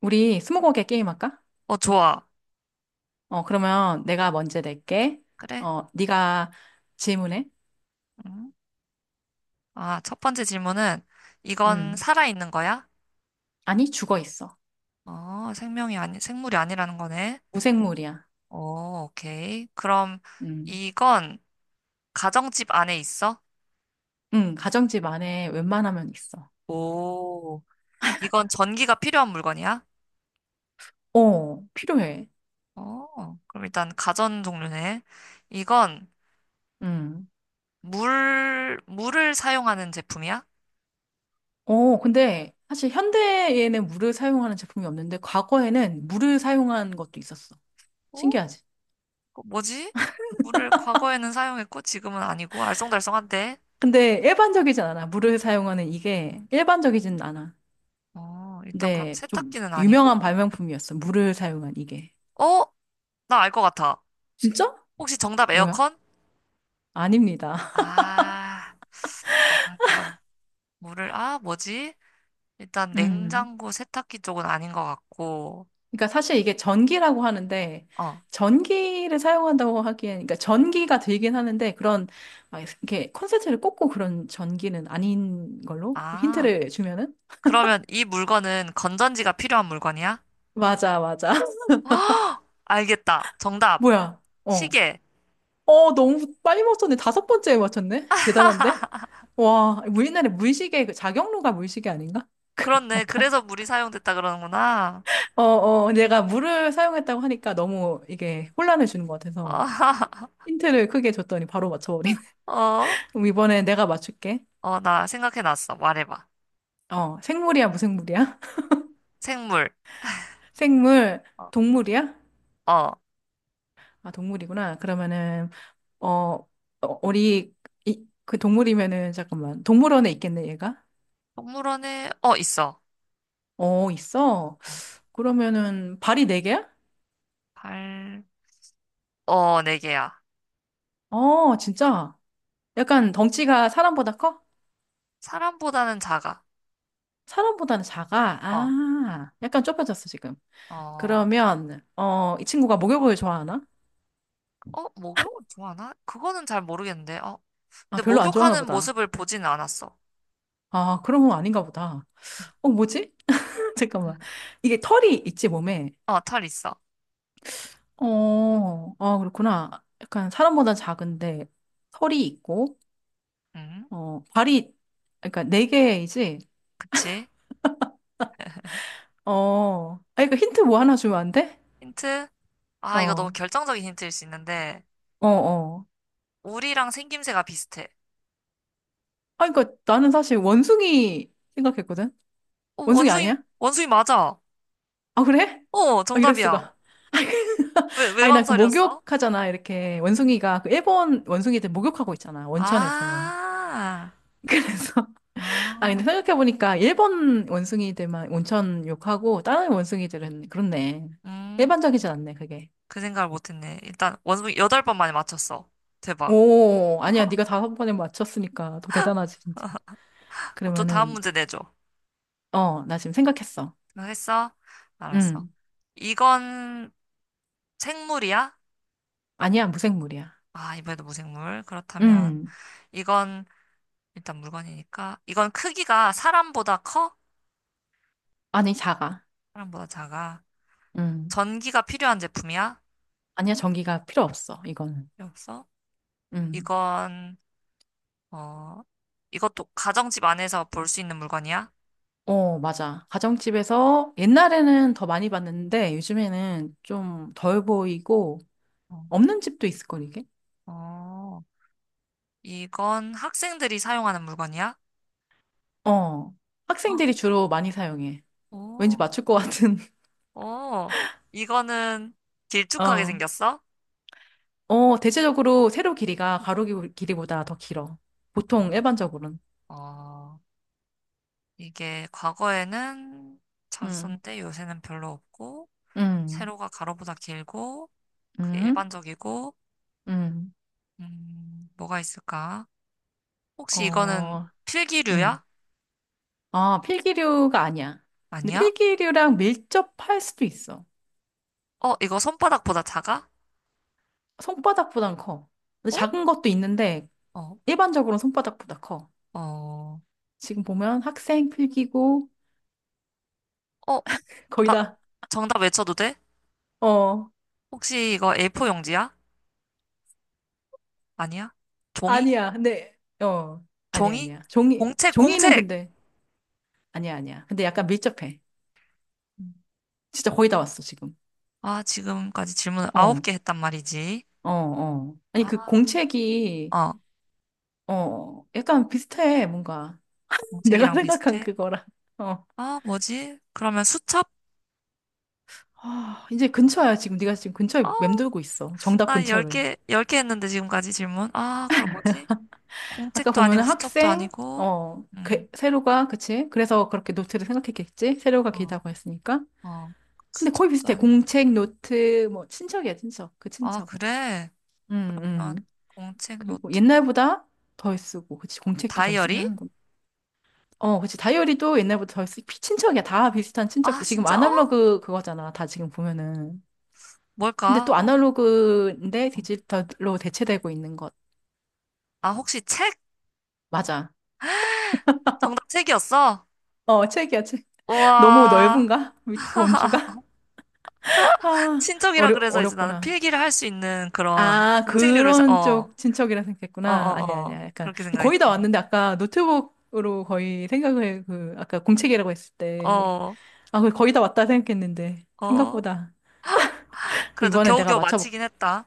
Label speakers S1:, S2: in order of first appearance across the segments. S1: 우리 스무고개 게임 할까?
S2: 어, 좋아.
S1: 어, 그러면 내가 먼저 낼게.
S2: 그래?
S1: 어, 네가 질문해.
S2: 음. 아, 첫 번째 질문은 이건
S1: 음.
S2: 살아있는 거야?
S1: 아니, 죽어 있어.
S2: 어, 생명이 아니, 생물이 아니라는 거네.
S1: 무생물이야.
S2: 오, 오케이. 그럼
S1: 음.
S2: 이건 가정집 안에 있어?
S1: 가정집 안에 웬만하면 있어.
S2: 오, 이건 전기가 필요한 물건이야?
S1: 어, 필요해.
S2: 어, 그럼 일단 가전 종류네. 이건
S1: 음.
S2: 물을 사용하는 제품이야?
S1: 어, 근데 사실 현대에는 물을 사용하는 제품이 없는데 과거에는 물을 사용한 것도 있었어.
S2: 어?
S1: 신기하지?
S2: 그거 뭐지? 물을 과거에는 사용했고 지금은 아니고 알쏭달쏭한데.
S1: 근데 일반적이진 않아. 물을 사용하는 이게 일반적이진 않아.
S2: 어, 일단 그럼
S1: 근데 좀
S2: 세탁기는
S1: 유명한
S2: 아니고.
S1: 발명품이었어. 물을 사용한 이게.
S2: 어? 나 알 것 같아.
S1: 진짜?
S2: 혹시 정답
S1: 뭐야?
S2: 에어컨?
S1: 아닙니다.
S2: 아, 아, 그럼 물을, 아, 뭐지? 일단
S1: 음.
S2: 냉장고, 세탁기 쪽은 아닌 것 같고,
S1: 그러니까 사실 이게 전기라고 하는데
S2: 어,
S1: 전기를 사용한다고 하기엔, 그러니까 전기가 들긴 하는데 그런 막 이렇게 콘센트를 꽂고 그런 전기는 아닌 걸로
S2: 아,
S1: 힌트를 주면은.
S2: 그러면 이 물건은 건전지가 필요한 물건이야?
S1: 맞아 맞아.
S2: 헉! 알겠다. 정답.
S1: 뭐야. 어,
S2: 시계.
S1: 어, 너무 빨리 맞췄네. 다섯 번째에 맞췄네. 대단한데. 와, 우리나라 물시계 그 자격로가 물시계 아닌가.
S2: 그렇네.
S1: 약간
S2: 그래서 물이 사용됐다 그러는구나.
S1: 어어, 내가 물을 사용했다고 하니까 너무 이게 혼란을 주는 것 같아서 힌트를 크게 줬더니 바로 맞춰버리.
S2: 어,
S1: 그럼 이번에 내가 맞출게.
S2: 어, 나 생각해놨어. 말해봐.
S1: 어, 생물이야, 무생물이야?
S2: 생물.
S1: 생물,
S2: 어,
S1: 동물이야?
S2: 어.
S1: 아, 동물이구나. 그러면은, 어, 어, 우리, 이, 그 동물이면은, 잠깐만. 동물원에 있겠네, 얘가?
S2: 동물원에, 어, 있어.
S1: 어, 있어.
S2: 어,
S1: 그러면은, 발이 네 개야?
S2: 팔, 어, 4개야.
S1: 어, 진짜. 약간 덩치가 사람보다 커?
S2: 사람보다는 작아.
S1: 사람보다는 작아.
S2: 어,
S1: 아, 약간 좁혀졌어, 지금.
S2: 어, 어,
S1: 그러면, 어, 이 친구가 목욕을 좋아하나?
S2: 목욕을 좋아하나? 그거는 잘 모르겠는데, 어.
S1: 아,
S2: 근데
S1: 별로 안 좋아하나
S2: 목욕하는
S1: 보다.
S2: 모습을 보진 않았어.
S1: 아, 그런 건 아닌가 보다. 어, 뭐지? 잠깐만. 이게 털이 있지, 몸에?
S2: 어, 털 있어.
S1: 어, 아, 그렇구나. 약간 사람보다 작은데 털이 있고,
S2: 음,
S1: 어, 발이, 그러니까 네 개이지?
S2: 그치.
S1: 어, 아, 그러니까 힌트 뭐 하나 주면 안 돼?
S2: 힌트? 아, 이거 너무
S1: 어,
S2: 결정적인 힌트일 수 있는데,
S1: 어, 어.
S2: 우리랑 생김새가 비슷해.
S1: 아, 그러니까 나는 사실 원숭이 생각했거든?
S2: 어,
S1: 원숭이
S2: 원숭이,
S1: 아니야?
S2: 원숭이 맞아.
S1: 아, 그래?
S2: 어,
S1: 아, 이럴
S2: 정답이야.
S1: 수가.
S2: 왜
S1: 아니, 나 그
S2: 망설였어?
S1: 목욕하잖아, 이렇게. 원숭이가, 그 일본 원숭이들 목욕하고 있잖아, 원천에서.
S2: 아,
S1: 그래서. 아, 근데
S2: 아,
S1: 생각해보니까 일본 원숭이들만 온천 욕하고 다른 원숭이들은, 그렇네.
S2: 음,
S1: 일반적이진 않네, 그게.
S2: 그 생각을 못했네. 일단, 원숭이 8번 만에 맞췄어. 대박.
S1: 오, 아니야. 네가 다섯 번에 맞췄으니까 더 대단하지, 진짜.
S2: 그럼 또 다음
S1: 그러면은,
S2: 문제 내줘.
S1: 어, 나 지금 생각했어.
S2: 너 했어? 알았어.
S1: 음.
S2: 이건 생물이야?
S1: 아니야, 무생물이야.
S2: 아, 이번에도 무생물. 그렇다면
S1: 음.
S2: 이건 일단 물건이니까 이건 크기가 사람보다 커?
S1: 아니, 작아.
S2: 사람보다 작아.
S1: 음.
S2: 전기가 필요한 제품이야?
S1: 아니야, 전기가 필요 없어, 이거는.
S2: 필요 없어?
S1: 음.
S2: 이건, 어, 이것도 가정집 안에서 볼 수 있는 물건이야?
S1: 어, 맞아. 가정집에서 옛날에는 더 많이 봤는데 요즘에는 좀 덜 보이고
S2: 어.
S1: 없는 집도 있을 걸, 이게?
S2: 어. 이건 학생들이 사용하는 물건이야?
S1: 어,
S2: 어.
S1: 학생들이 주로 많이 사용해. 왠지
S2: 오.
S1: 맞출 것 같은.
S2: 오. 이거는 길쭉하게
S1: 어,
S2: 생겼어?
S1: 어, 대체적으로 세로 길이가 가로 길이보다 더 길어.
S2: 어.
S1: 보통 일반적으로는.
S2: 어, 이게 과거에는 잘
S1: 음,
S2: 썼는데 요새는 별로 없고,
S1: 음,
S2: 세로가 가로보다 길고, 그게
S1: 음,
S2: 일반적이고,
S1: 음,
S2: 뭐가 있을까? 혹시 이거는
S1: 어, 음.
S2: 필기류야?
S1: 아, 필기류가 아니야. 근데
S2: 아니야?
S1: 필기류랑 밀접할 수도 있어.
S2: 어, 이거 손바닥보다 작아?
S1: 손바닥보단 커. 근데
S2: 어?
S1: 작은 것도 있는데,
S2: 어,
S1: 일반적으로는 손바닥보다 커.
S2: 어,
S1: 지금 보면 학생 필기고,
S2: 어,
S1: 거의
S2: 나
S1: 다.
S2: 정답 외쳐도 돼?
S1: 어,
S2: 혹시 이거 A4 용지야? 아니야? 종이?
S1: 아니야. 근데 어, 아니야
S2: 종이?
S1: 아니야. 종이,
S2: 공책,
S1: 종이는
S2: 공책!
S1: 근데 아니야 아니야. 근데 약간 밀접해.
S2: 음.
S1: 진짜 거의 다 왔어 지금.
S2: 아, 지금까지 질문을
S1: 어,
S2: 9개 했단 말이지.
S1: 어, 어. 아니 그
S2: 아,
S1: 공책이
S2: 어,
S1: 어 약간 비슷해 뭔가, 내가
S2: 공책이랑
S1: 생각한
S2: 비슷해?
S1: 그거랑. 어.
S2: 아, 뭐지? 그러면 수첩?
S1: 아, 이제 근처야 지금. 네가 지금 근처에
S2: 아,
S1: 맴돌고 있어. 정답
S2: 나
S1: 근처를.
S2: 10개, 열 개 했는데 지금까지 질문. 아, 그럼 뭐지?
S1: 아까
S2: 공책도 아니고
S1: 보면은
S2: 수첩도
S1: 학생,
S2: 아니고,
S1: 어
S2: 음,
S1: 그, 세로가, 그치? 그래서 그렇게 노트를 생각했겠지? 세로가
S2: 어,
S1: 길다고 했으니까.
S2: 어,
S1: 근데 거의
S2: 수첩도
S1: 비슷해.
S2: 아니고.
S1: 공책, 노트, 뭐, 친척이야, 친척. 그
S2: 아,
S1: 친척.
S2: 그래?
S1: 음, 음.
S2: 난 공책,
S1: 그리고
S2: 노트,
S1: 옛날보다 덜 쓰고, 그치, 공책도 덜 쓰긴
S2: 다이어리?
S1: 하는 건. 어, 그치, 다이어리도 옛날보다 친척이야. 다 비슷한
S2: 아,
S1: 친척들. 지금
S2: 진짜? 어?
S1: 아날로그 그거잖아. 다 지금 보면은. 근데
S2: 뭘까?
S1: 또
S2: 어?
S1: 아날로그인데
S2: 어.
S1: 디지털로 대체되고 있는 것.
S2: 아, 혹시 책?
S1: 맞아.
S2: 정답 책이었어?
S1: 어, 책이야, 책. 너무
S2: 우와.
S1: 넓은가? 밑 범주가? 아,
S2: 친척이라 그래서 이제 나는
S1: 어렵구나.
S2: 필기를 할 수 있는 그런
S1: 아, 그런
S2: 어,
S1: 쪽 친척이라
S2: 어, 어,
S1: 생각했구나. 아니야,
S2: 어,
S1: 아니야. 약간.
S2: 그렇게
S1: 거의 다
S2: 생각했지.
S1: 왔는데, 아까 노트북으로 거의 생각을, 그, 아까 공책이라고 했을 때.
S2: 어,
S1: 아, 그래, 거의 다 왔다 생각했는데.
S2: 어.
S1: 생각보다.
S2: 그래도
S1: 이번에 내가
S2: 겨우겨우
S1: 맞춰볼.
S2: 마치긴 했다.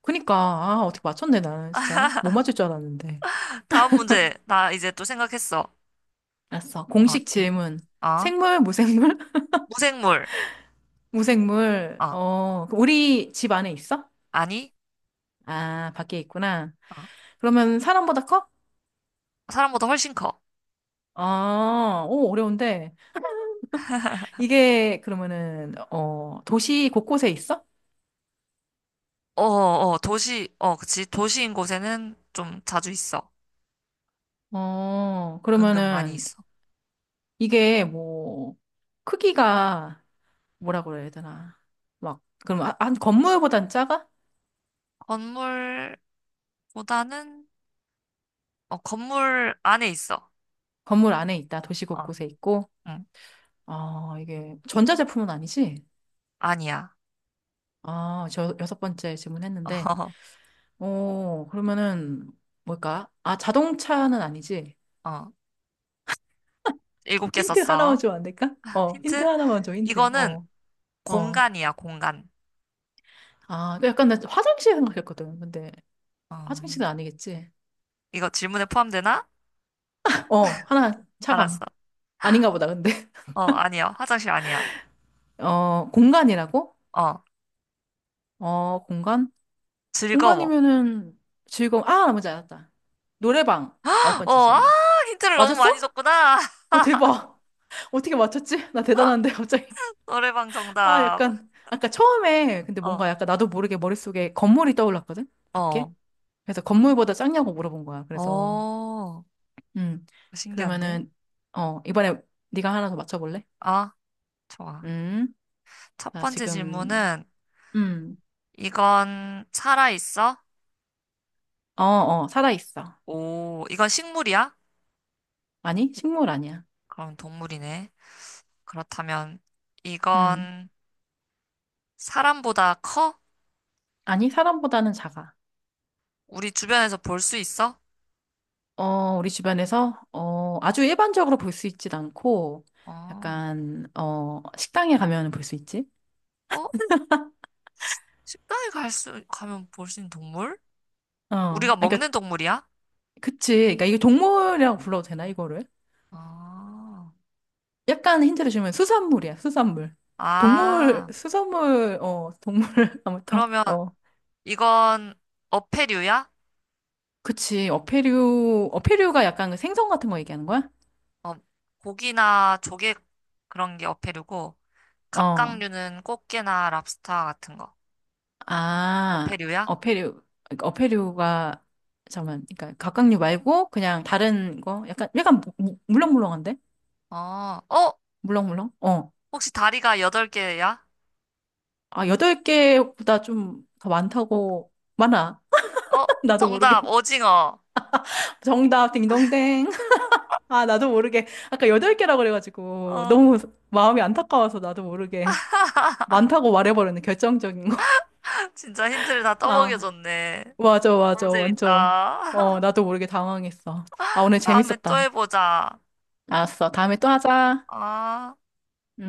S1: 그니까, 아, 어떻게 맞췄네, 나는 진짜. 못 맞출 줄 알았는데.
S2: 다음 문제. 나 이제 또 생각했어.
S1: 알았어.
S2: 어,
S1: 공식
S2: 질문.
S1: 질문.
S2: 어,
S1: 생물, 무생물?
S2: 무생물.
S1: 무생물.
S2: 어,
S1: 어, 우리 집 안에 있어?
S2: 아니.
S1: 아, 밖에 있구나.
S2: 어,
S1: 그러면 사람보다 커?
S2: 사람보다 훨씬 커.
S1: 아, 오, 어려운데. 이게, 그러면은, 어, 도시 곳곳에 있어?
S2: 어, 어, 어, 도시, 어, 그치. 도시인 곳에는 좀 자주 있어.
S1: 어,
S2: 은근 많이
S1: 그러면은,
S2: 있어.
S1: 이게 뭐, 크기가 뭐라 그래야 되나. 막, 그럼 한 한 건물보단 작아?
S2: 건물보다는, 어, 건물 안에 있어.
S1: 건물 안에 있다. 도시
S2: 어,
S1: 곳곳에 있고.
S2: 응,
S1: 아, 이게 전자제품은 아니지?
S2: 아니야.
S1: 아, 저 여섯 번째 질문했는데. 어, 그러면은 뭘까? 아, 자동차는 아니지?
S2: 어, 어, 7개
S1: 힌트 하나만
S2: 썼어.
S1: 주면 안 될까? 어, 힌트
S2: 힌트?
S1: 하나만 줘, 힌트.
S2: 이거는
S1: 어, 어.
S2: 공간이야, 공간.
S1: 아, 그 약간 나 화장실 생각했거든. 근데
S2: 어,
S1: 화장실은 아니겠지?
S2: 이거 질문에 포함되나?
S1: 어, 하나 차감.
S2: 알았어.
S1: 아닌가 보다, 근데.
S2: 어, 아니야. 화장실 아니야.
S1: 어, 공간이라고?
S2: 어,
S1: 어, 공간?
S2: 즐거워.
S1: 공간이면은 즐거움. 아, 나머지 알았다. 노래방. 아홉
S2: 어,
S1: 번째
S2: 아,
S1: 질문.
S2: 힌트를 너무 많이
S1: 맞았어?
S2: 줬구나.
S1: 어, 대박. 어떻게 맞췄지? 나 대단한데, 갑자기.
S2: 노래방
S1: 아,
S2: 정답.
S1: 약간, 아까 처음에, 근데
S2: 어,
S1: 뭔가 약간 나도 모르게 머릿속에 건물이 떠올랐거든? 밖에?
S2: 어,
S1: 그래서 건물보다 작냐고 물어본 거야. 그래서,
S2: 어,
S1: 음.
S2: 신기한데?
S1: 그러면은, 어, 이번에 네가 하나 더 맞춰볼래?
S2: 아, 좋아.
S1: 음.
S2: 첫
S1: 나
S2: 번째
S1: 지금,
S2: 질문은,
S1: 음.
S2: 이건 살아있어?
S1: 어, 어, 살아있어.
S2: 오, 이건 식물이야?
S1: 아니, 식물 아니야.
S2: 그럼 동물이네. 그렇다면,
S1: 음.
S2: 이건 사람보다 커?
S1: 아니, 사람보다는 작아.
S2: 우리 주변에서 볼 수 있어?
S1: 어, 우리 집안에서, 어, 아주 일반적으로 볼 수 있진 않고,
S2: 어,
S1: 약간, 어, 식당에 가면 볼 수 있지?
S2: 어? 가면 볼 수 있는 동물?
S1: 어,
S2: 우리가
S1: 그러니까,
S2: 먹는 동물이야?
S1: 그치. 그러니까 이게 동물이라고 불러도 되나, 이거를?
S2: 아,
S1: 약간 힌트를 주면 수산물이야, 수산물. 동물,
S2: 아,
S1: 수산물, 어, 동물, 아무튼,
S2: 그러면
S1: 어.
S2: 이건 어패류야?
S1: 그치. 어패류, 어패류가 약간 그 생선 같은 거 얘기하는 거야?
S2: 어, 고기나 조개 그런 게 어패류고,
S1: 어.
S2: 갑각류는 꽃게나 랍스타 같은 거.
S1: 아,
S2: 어패류야?
S1: 어패류, 그러니까 어패류가, 잠깐만, 그러니까 갑각류 말고 그냥 다른 거? 약간, 약간 물렁물렁한데?
S2: 어, 어,
S1: 물렁물렁? 어.
S2: 혹시 다리가 8개야?
S1: 아, 여덟 개보다 좀 더 많다고, 많아.
S2: 어,
S1: 나도 모르게.
S2: 정답, 오징어.
S1: 정답, 딩동댕. 아, 나도 모르게. 아까 여덟 개라고 그래가지고,
S2: 어,
S1: 너무 마음이 안타까워서 나도 모르게. 많다고 말해버렸네, 결정적인 거.
S2: 진짜 힌트를 다
S1: 아,
S2: 떠먹여줬네.
S1: 맞아,
S2: 너무
S1: 맞아, 완전.
S2: 재밌다.
S1: 어, 나도 모르게 당황했어. 아, 오늘
S2: 다음에 또
S1: 재밌었다.
S2: 해보자.
S1: 알았어. 다음에 또 하자.
S2: 아.
S1: 음.